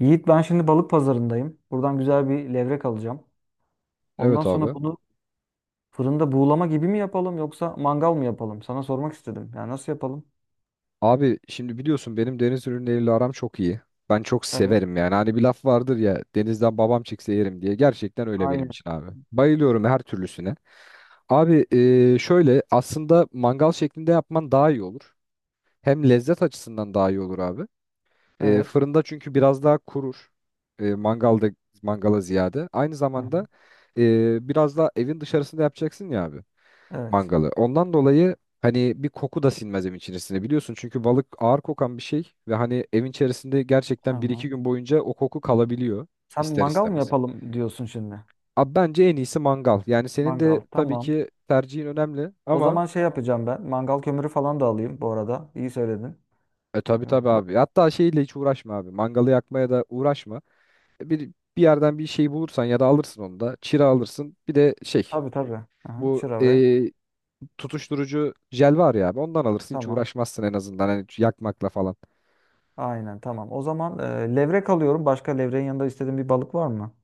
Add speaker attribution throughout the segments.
Speaker 1: Yiğit ben şimdi balık pazarındayım. Buradan güzel bir levrek alacağım. Ondan
Speaker 2: Evet
Speaker 1: sonra
Speaker 2: abi.
Speaker 1: bunu fırında buğulama gibi mi yapalım yoksa mangal mı yapalım? Sana sormak istedim. Yani nasıl yapalım?
Speaker 2: Abi şimdi biliyorsun benim deniz ürünleriyle aram çok iyi. Ben çok
Speaker 1: Evet.
Speaker 2: severim yani. Hani bir laf vardır ya, denizden babam çekse yerim diye. Gerçekten öyle benim
Speaker 1: Aynen.
Speaker 2: için abi. Bayılıyorum her türlüsüne. Abi, şöyle aslında mangal şeklinde yapman daha iyi olur. Hem lezzet açısından daha iyi olur abi.
Speaker 1: Evet.
Speaker 2: Fırında çünkü biraz daha kurur. E, mangalda Mangala ziyade. Aynı
Speaker 1: Hı hı.
Speaker 2: zamanda biraz daha evin dışarısında yapacaksın ya abi
Speaker 1: Evet.
Speaker 2: mangalı. Ondan dolayı hani bir koku da sinmez evin içerisine, biliyorsun. Çünkü balık ağır kokan bir şey ve hani evin içerisinde gerçekten bir iki
Speaker 1: Aha.
Speaker 2: gün boyunca o koku kalabiliyor
Speaker 1: Sen
Speaker 2: ister
Speaker 1: mangal mı
Speaker 2: istemez.
Speaker 1: yapalım diyorsun şimdi?
Speaker 2: Abi bence en iyisi mangal. Yani senin de
Speaker 1: Mangal.
Speaker 2: tabii
Speaker 1: Tamam.
Speaker 2: ki tercihin önemli
Speaker 1: O
Speaker 2: ama
Speaker 1: zaman şey yapacağım ben. Mangal kömürü falan da alayım bu arada. İyi söyledin.
Speaker 2: e tabii
Speaker 1: Evet.
Speaker 2: tabii abi. Hatta şeyle hiç uğraşma abi. Mangalı yakmaya da uğraşma. Bir bir yerden bir şey bulursan ya da alırsın onu da. Çira alırsın. Bir de şey,
Speaker 1: Tabii tabii. Aha.
Speaker 2: bu
Speaker 1: Çıra ve.
Speaker 2: tutuşturucu jel var ya abi. Ondan alırsın, hiç
Speaker 1: Tamam.
Speaker 2: uğraşmazsın en azından hani yakmakla falan.
Speaker 1: Aynen tamam. O zaman levrek alıyorum. Başka levreğin yanında istediğin bir balık var mı?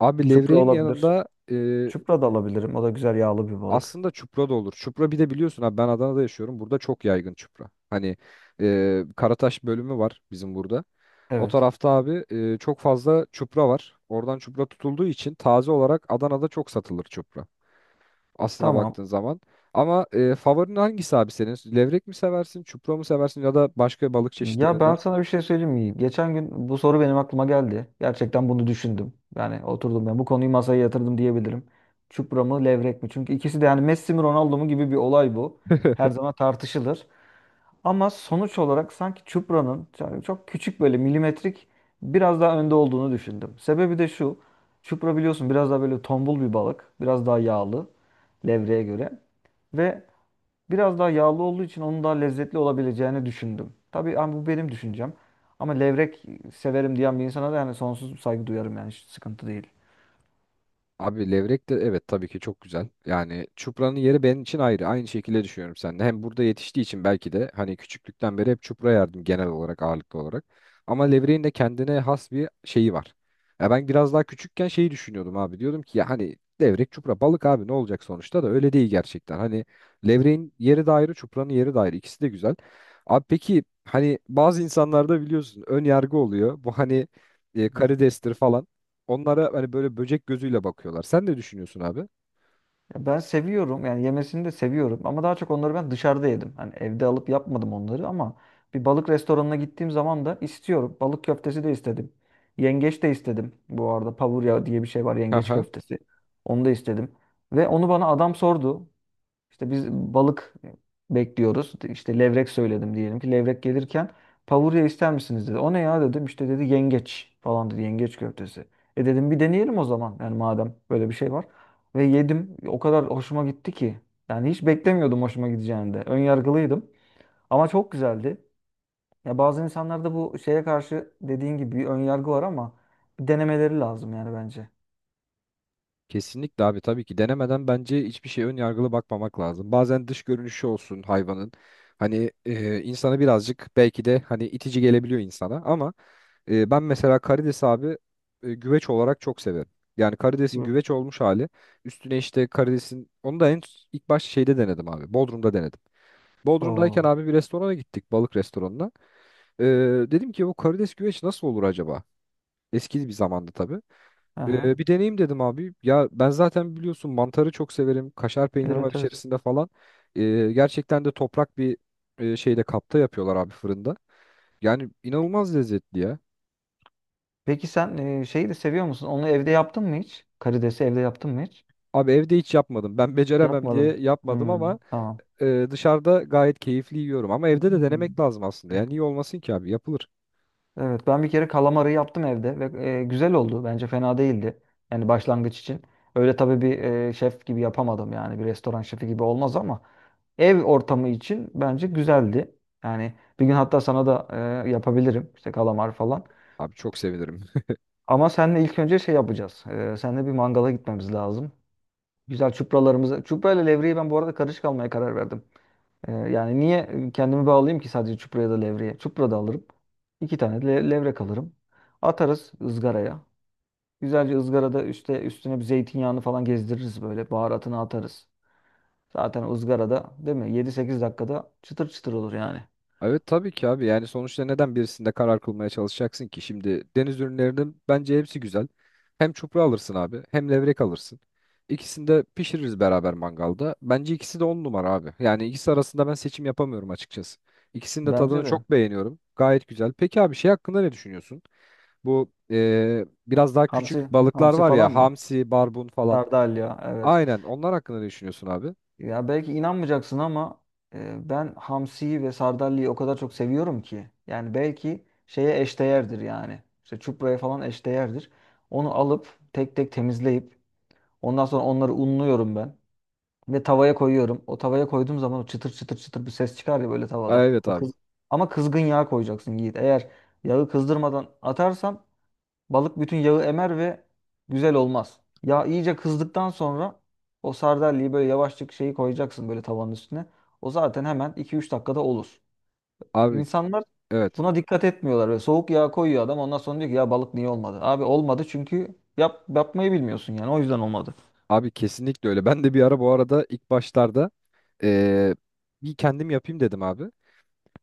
Speaker 2: Abi,
Speaker 1: Çupra
Speaker 2: levreğin
Speaker 1: olabilir.
Speaker 2: yanında
Speaker 1: Çupra da alabilirim. O da güzel yağlı bir balık.
Speaker 2: aslında çupra da olur. Çupra bir de biliyorsun abi, ben Adana'da yaşıyorum. Burada çok yaygın çupra. Hani Karataş bölümü var bizim burada. O
Speaker 1: Evet.
Speaker 2: tarafta abi çok fazla çupra var. Oradan çupra tutulduğu için taze olarak Adana'da çok satılır çupra. Aslına
Speaker 1: Tamam.
Speaker 2: baktığın zaman. Ama favorin hangisi abi senin? Levrek mi seversin, çupra mı seversin ya da başka balık
Speaker 1: Ya ben
Speaker 2: çeşitlerinden?
Speaker 1: sana bir şey söyleyeyim mi? Geçen gün bu soru benim aklıma geldi. Gerçekten bunu düşündüm. Yani oturdum ben bu konuyu masaya yatırdım diyebilirim. Çupra mı levrek mi? Çünkü ikisi de yani Messi mi Ronaldo mu gibi bir olay bu. Her zaman tartışılır. Ama sonuç olarak sanki Çupra'nın yani çok küçük böyle milimetrik biraz daha önde olduğunu düşündüm. Sebebi de şu. Çupra biliyorsun biraz daha böyle tombul bir balık. Biraz daha yağlı levreğe göre. Ve biraz daha yağlı olduğu için onun daha lezzetli olabileceğini düşündüm. Tabii ama bu benim düşüncem. Ama levrek severim diyen bir insana da yani sonsuz saygı duyarım yani hiç sıkıntı değil.
Speaker 2: Abi levrek de evet tabii ki çok güzel. Yani çupranın yeri benim için ayrı. Aynı şekilde düşünüyorum seninle. Hem burada yetiştiği için belki de hani küçüklükten beri hep çupra yerdim, genel olarak, ağırlıklı olarak. Ama levreğin de kendine has bir şeyi var. Ya ben biraz daha küçükken şeyi düşünüyordum abi. Diyordum ki ya hani levrek çupra balık abi, ne olacak sonuçta, da öyle değil gerçekten. Hani levreğin yeri de ayrı, çupranın yeri de ayrı. İkisi de güzel. Abi peki hani bazı insanlarda biliyorsun ön yargı oluyor. Bu hani
Speaker 1: Evet.
Speaker 2: karidestir falan, onlara hani böyle böcek gözüyle bakıyorlar. Sen ne düşünüyorsun abi?
Speaker 1: Ya ben seviyorum yani yemesini de seviyorum ama daha çok onları ben dışarıda yedim. Hani evde alıp yapmadım onları ama bir balık restoranına gittiğim zaman da istiyorum. Balık köftesi de istedim. Yengeç de istedim. Bu arada pavurya diye bir şey var yengeç
Speaker 2: Aha.
Speaker 1: köftesi. Onu da istedim. Ve onu bana adam sordu. İşte biz balık bekliyoruz. İşte levrek söyledim, diyelim ki levrek gelirken pavurya ister misiniz dedi. O ne ya dedim. İşte dedi yengeç falan dedi. Yengeç köftesi. E dedim bir deneyelim o zaman. Yani madem böyle bir şey var. Ve yedim. O kadar hoşuma gitti ki. Yani hiç beklemiyordum hoşuma gideceğini de. Ön yargılıydım. Ama çok güzeldi. Ya bazı insanlarda bu şeye karşı dediğin gibi bir ön yargı var ama bir denemeleri lazım yani bence.
Speaker 2: Kesinlikle abi, tabii ki denemeden bence hiçbir şeye ön yargılı bakmamak lazım. Bazen dış görünüşü olsun hayvanın. Hani insana birazcık belki de hani itici gelebiliyor insana ama ben mesela karides abi güveç olarak çok severim. Yani karidesin
Speaker 1: Bu.
Speaker 2: güveç olmuş hali. Üstüne işte karidesin onu da en ilk başta şeyde denedim abi. Bodrum'da denedim. Bodrum'dayken
Speaker 1: Oo.
Speaker 2: abi bir restorana gittik, balık restoranına. Ee, Dedim ki bu karides güveç nasıl olur acaba? Eski bir zamanda tabii.
Speaker 1: Aha.
Speaker 2: Bir deneyim dedim abi. Ya ben zaten biliyorsun mantarı çok severim. Kaşar peynir var
Speaker 1: Evet evet.
Speaker 2: içerisinde falan. Gerçekten de toprak bir e, şeyde kapta yapıyorlar abi, fırında. Yani inanılmaz lezzetli ya.
Speaker 1: Peki sen şeyi de seviyor musun? Onu evde yaptın mı hiç? Karidesi evde yaptın mı hiç?
Speaker 2: Abi evde hiç yapmadım. Ben beceremem
Speaker 1: Yapmadım.
Speaker 2: diye yapmadım
Speaker 1: Hmm,
Speaker 2: ama
Speaker 1: tamam.
Speaker 2: dışarıda gayet keyifli yiyorum. Ama evde de denemek
Speaker 1: Hmm.
Speaker 2: lazım aslında. Yani iyi olmasın ki abi, yapılır.
Speaker 1: Evet ben bir kere kalamarı yaptım evde ve güzel oldu. Bence fena değildi. Yani başlangıç için. Öyle tabii bir şef gibi yapamadım yani bir restoran şefi gibi olmaz ama ev ortamı için bence güzeldi. Yani bir gün hatta sana da yapabilirim işte kalamar falan.
Speaker 2: Abi çok sevinirim.
Speaker 1: Ama seninle ilk önce şey yapacağız. Seninle bir mangala gitmemiz lazım. Güzel çupralarımızı. Çupra ile levreyi ben bu arada karışık almaya karar verdim. Yani niye kendimi bağlayayım ki sadece çupraya da levreye? Çupra da alırım. 2 tane de levrek alırım. Atarız ızgaraya. Güzelce ızgarada üstüne bir zeytinyağını falan gezdiririz böyle. Baharatını atarız. Zaten o ızgarada değil mi? 7-8 dakikada çıtır çıtır olur yani.
Speaker 2: Evet tabii ki abi, yani sonuçta neden birisinde karar kılmaya çalışacaksın ki? Şimdi deniz ürünlerinin bence hepsi güzel. Hem çupra alırsın abi hem levrek alırsın. İkisini de pişiririz beraber, mangalda. Bence ikisi de on numara abi. Yani ikisi arasında ben seçim yapamıyorum açıkçası. İkisinin de
Speaker 1: Bence
Speaker 2: tadını
Speaker 1: de.
Speaker 2: çok beğeniyorum. Gayet güzel. Peki abi şey hakkında ne düşünüyorsun? Bu biraz daha küçük
Speaker 1: Hamsi,
Speaker 2: balıklar
Speaker 1: hamsi
Speaker 2: var
Speaker 1: falan
Speaker 2: ya,
Speaker 1: mı?
Speaker 2: hamsi, barbun falan.
Speaker 1: Sardalya. Evet.
Speaker 2: Aynen, onlar hakkında ne düşünüyorsun abi?
Speaker 1: Ya belki inanmayacaksın ama ben hamsiyi ve sardalya o kadar çok seviyorum ki. Yani belki şeye eşdeğerdir yani. İşte çupraya falan eşdeğerdir. Onu alıp tek tek temizleyip ondan sonra onları unluyorum ben. Ve tavaya koyuyorum. O tavaya koyduğum zaman o çıtır çıtır çıtır bir ses çıkar ya böyle
Speaker 2: Aa,
Speaker 1: tavada.
Speaker 2: evet
Speaker 1: O
Speaker 2: abi.
Speaker 1: kız... Ama kızgın yağ koyacaksın Yiğit. Eğer yağı kızdırmadan atarsan balık bütün yağı emer ve güzel olmaz. Yağ iyice kızdıktan sonra o sardalyeyi böyle yavaşçık şeyi koyacaksın böyle tavanın üstüne. O zaten hemen 2-3 dakikada olur.
Speaker 2: Abi
Speaker 1: İnsanlar
Speaker 2: evet.
Speaker 1: buna dikkat etmiyorlar. Böyle soğuk yağ koyuyor adam ondan sonra diyor ki ya balık niye olmadı? Abi olmadı çünkü yapmayı bilmiyorsun yani o yüzden olmadı.
Speaker 2: Abi kesinlikle öyle. Ben de bir ara, bu arada ilk başlarda, eee, bir kendim yapayım dedim abi.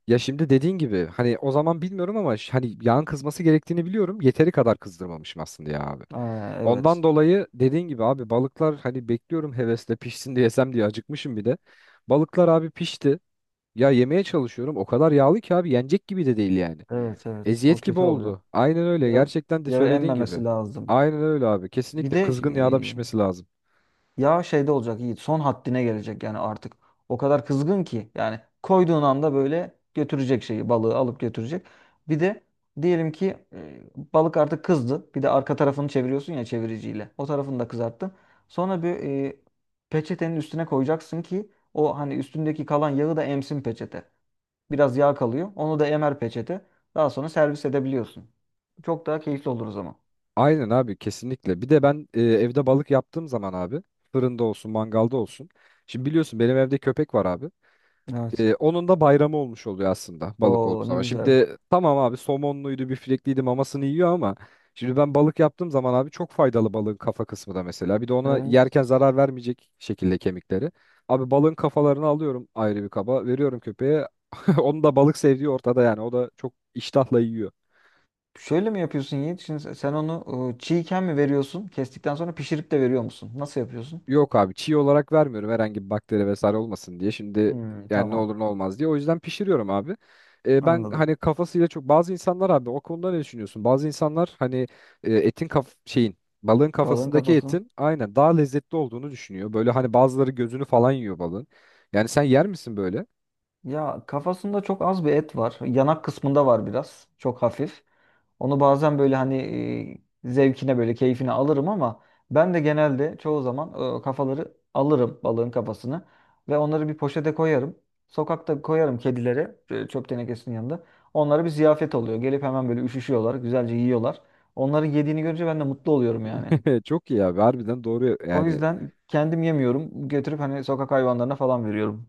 Speaker 2: Ya şimdi dediğin gibi hani o zaman bilmiyorum ama hani yağın kızması gerektiğini biliyorum. Yeteri kadar kızdırmamışım aslında ya abi.
Speaker 1: Aa, evet.
Speaker 2: Ondan dolayı dediğin gibi abi, balıklar hani bekliyorum hevesle pişsin diye, yesem diye, acıkmışım bir de. Balıklar abi pişti. Ya yemeye çalışıyorum. O kadar yağlı ki abi, yenecek gibi de değil yani.
Speaker 1: Evet evet, o
Speaker 2: Eziyet gibi
Speaker 1: kötü oluyor.
Speaker 2: oldu. Aynen öyle.
Speaker 1: Yağı,
Speaker 2: Gerçekten de
Speaker 1: yağı
Speaker 2: söylediğin gibi.
Speaker 1: emmemesi lazım.
Speaker 2: Aynen öyle abi.
Speaker 1: Bir
Speaker 2: Kesinlikle
Speaker 1: de
Speaker 2: kızgın yağda pişmesi lazım.
Speaker 1: ya şeyde olacak Yiğit, son haddine gelecek yani artık. O kadar kızgın ki yani koyduğun anda böyle götürecek şeyi balığı alıp götürecek. Bir de diyelim ki balık artık kızdı. Bir de arka tarafını çeviriyorsun ya çeviriciyle. O tarafını da kızarttın. Sonra bir e, peçetenin üstüne koyacaksın ki o hani üstündeki kalan yağı da emsin peçete. Biraz yağ kalıyor. Onu da emer peçete. Daha sonra servis edebiliyorsun. Çok daha keyifli olur o zaman.
Speaker 2: Aynen abi, kesinlikle. Bir de ben evde balık yaptığım zaman abi, fırında olsun mangalda olsun. Şimdi biliyorsun benim evde köpek var abi.
Speaker 1: Evet.
Speaker 2: Onun da bayramı olmuş oluyor aslında balık olduğu
Speaker 1: Oo, ne
Speaker 2: zaman.
Speaker 1: güzel.
Speaker 2: Şimdi tamam abi, somonluydu biftekliydi mamasını yiyor ama şimdi ben balık yaptığım zaman abi, çok faydalı balığın kafa kısmı da mesela. Bir de ona
Speaker 1: Evet.
Speaker 2: yerken zarar vermeyecek şekilde kemikleri. Abi balığın kafalarını alıyorum, ayrı bir kaba veriyorum köpeğe. Onun da balık sevdiği ortada yani, o da çok iştahla yiyor.
Speaker 1: Şöyle mi yapıyorsun Yiğit? Şimdi sen onu çiğken mi veriyorsun? Kestikten sonra pişirip de veriyor musun? Nasıl yapıyorsun?
Speaker 2: Yok abi, çiğ olarak vermiyorum, herhangi bir bakteri vesaire olmasın diye. Şimdi
Speaker 1: Hmm,
Speaker 2: yani ne
Speaker 1: tamam.
Speaker 2: olur ne olmaz diye. O yüzden pişiriyorum abi. Ben
Speaker 1: Anladım.
Speaker 2: hani kafasıyla çok, bazı insanlar abi o konuda ne düşünüyorsun? Bazı insanlar hani etin kaf şeyin balığın
Speaker 1: Balığın
Speaker 2: kafasındaki
Speaker 1: kafasını.
Speaker 2: etin aynen daha lezzetli olduğunu düşünüyor. Böyle hani bazıları gözünü falan yiyor balığın. Yani sen yer misin böyle?
Speaker 1: Ya kafasında çok az bir et var. Yanak kısmında var biraz. Çok hafif. Onu bazen böyle hani zevkine böyle keyfine alırım ama ben de genelde çoğu zaman o kafaları alırım balığın kafasını ve onları bir poşete koyarım. Sokakta koyarım kedilere, çöp tenekesinin yanında. Onlara bir ziyafet oluyor. Gelip hemen böyle üşüşüyorlar, güzelce yiyorlar. Onların yediğini görünce ben de mutlu oluyorum yani.
Speaker 2: Çok iyi abi, harbiden doğru
Speaker 1: O
Speaker 2: yani.
Speaker 1: yüzden kendim yemiyorum. Götürüp hani sokak hayvanlarına falan veriyorum.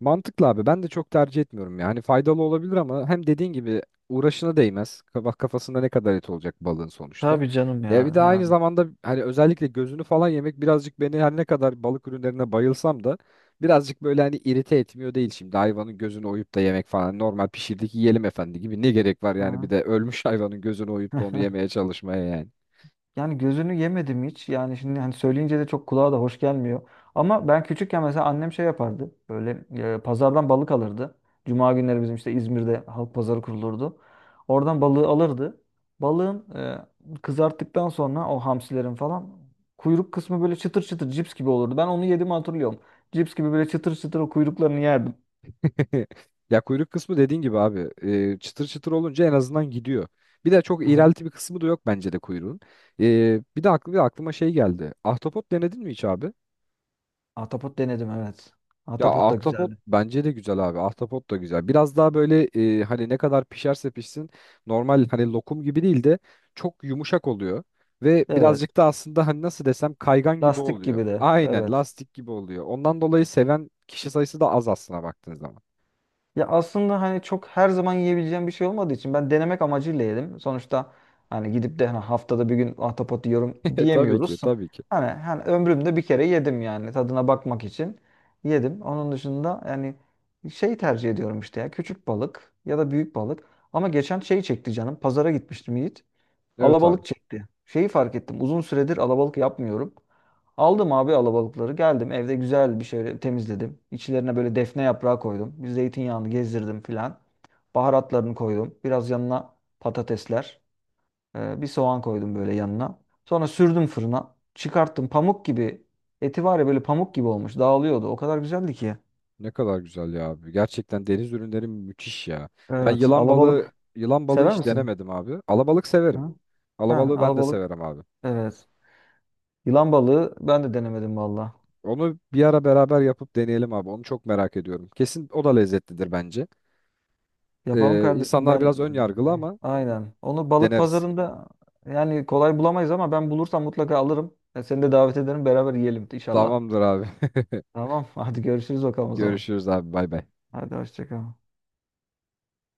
Speaker 2: Mantıklı abi. Ben de çok tercih etmiyorum yani. Faydalı olabilir ama hem dediğin gibi uğraşına değmez. Bak kafasında ne kadar et olacak balığın sonuçta.
Speaker 1: Tabii canım
Speaker 2: Ya bir
Speaker 1: ya
Speaker 2: de aynı
Speaker 1: yani.
Speaker 2: zamanda hani özellikle gözünü falan yemek birazcık beni, her ne kadar balık ürünlerine bayılsam da, birazcık böyle hani irite etmiyor değil şimdi. Hayvanın gözünü oyup da yemek falan, hani normal pişirdik yiyelim efendi gibi, ne gerek var yani
Speaker 1: Ha.
Speaker 2: bir de ölmüş hayvanın gözünü oyup da onu yemeye çalışmaya yani.
Speaker 1: Yani gözünü yemedim hiç. Yani şimdi hani söyleyince de çok kulağa da hoş gelmiyor. Ama ben küçükken mesela annem şey yapardı. Böyle pazardan balık alırdı. Cuma günleri bizim işte İzmir'de halk pazarı kurulurdu. Oradan balığı alırdı. Balığın kızarttıktan sonra o hamsilerin falan kuyruk kısmı böyle çıtır çıtır cips gibi olurdu. Ben onu yedim hatırlıyorum. Cips gibi böyle çıtır çıtır o kuyruklarını yerdim.
Speaker 2: Ya kuyruk kısmı dediğin gibi abi, çıtır çıtır olunca en azından gidiyor. Bir de çok
Speaker 1: Aha.
Speaker 2: iğrelti bir kısmı da yok bence de kuyruğun. Bir de aklıma şey geldi. Ahtapot denedin mi hiç abi?
Speaker 1: Ahtapot denedim, evet.
Speaker 2: Ya
Speaker 1: Ahtapot da
Speaker 2: ahtapot
Speaker 1: güzeldi.
Speaker 2: bence de güzel abi. Ahtapot da güzel. Biraz daha böyle hani ne kadar pişerse pişsin, normal hani lokum gibi değil de çok yumuşak oluyor. Ve
Speaker 1: Evet.
Speaker 2: birazcık da aslında hani nasıl desem kaygan gibi
Speaker 1: Lastik
Speaker 2: oluyor.
Speaker 1: gibi de.
Speaker 2: Aynen
Speaker 1: Evet.
Speaker 2: lastik gibi oluyor. Ondan dolayı seven kişi sayısı da az, aslına baktığın zaman.
Speaker 1: Ya aslında hani çok her zaman yiyebileceğim bir şey olmadığı için ben denemek amacıyla yedim. Sonuçta hani gidip de hani haftada bir gün ahtapot yiyorum
Speaker 2: Tabii ki,
Speaker 1: diyemiyoruz.
Speaker 2: tabii ki.
Speaker 1: Hani ömrümde bir kere yedim yani tadına bakmak için yedim. Onun dışında yani şey tercih ediyorum işte ya küçük balık ya da büyük balık. Ama geçen şey çekti canım. Pazara gitmiştim Yiğit.
Speaker 2: Evet abi.
Speaker 1: Alabalık çekti. Şeyi fark ettim. Uzun süredir alabalık yapmıyorum. Aldım abi alabalıkları. Geldim evde güzel bir şey temizledim. İçlerine böyle defne yaprağı koydum. Bir zeytinyağını gezdirdim filan. Baharatlarını koydum. Biraz yanına patatesler. Bir soğan koydum böyle yanına. Sonra sürdüm fırına. Çıkarttım pamuk gibi. Eti var ya böyle pamuk gibi olmuş. Dağılıyordu. O kadar güzeldi ki.
Speaker 2: Ne kadar güzel ya abi. Gerçekten deniz ürünleri müthiş ya. Ben
Speaker 1: Evet.
Speaker 2: yılan balığı,
Speaker 1: Alabalık.
Speaker 2: yılan balığı
Speaker 1: Sever
Speaker 2: hiç
Speaker 1: misin?
Speaker 2: denemedim abi. Alabalık severim.
Speaker 1: Hı? Ha,
Speaker 2: Alabalığı ben de
Speaker 1: alabalık.
Speaker 2: severim abi.
Speaker 1: Evet. Yılan balığı ben de denemedim valla.
Speaker 2: Onu bir ara beraber yapıp deneyelim abi. Onu çok merak ediyorum. Kesin o da lezzetlidir bence.
Speaker 1: Yapalım kardeşim.
Speaker 2: İnsanlar
Speaker 1: Ben
Speaker 2: biraz ön yargılı ama
Speaker 1: aynen. Onu balık
Speaker 2: deneriz.
Speaker 1: pazarında yani kolay bulamayız ama ben bulursam mutlaka alırım. Seni de davet ederim, beraber yiyelim inşallah.
Speaker 2: Tamamdır abi.
Speaker 1: Tamam hadi görüşürüz bakalım o zaman.
Speaker 2: Görüşürüz abi. Bay bay.
Speaker 1: Hadi hoşça kal.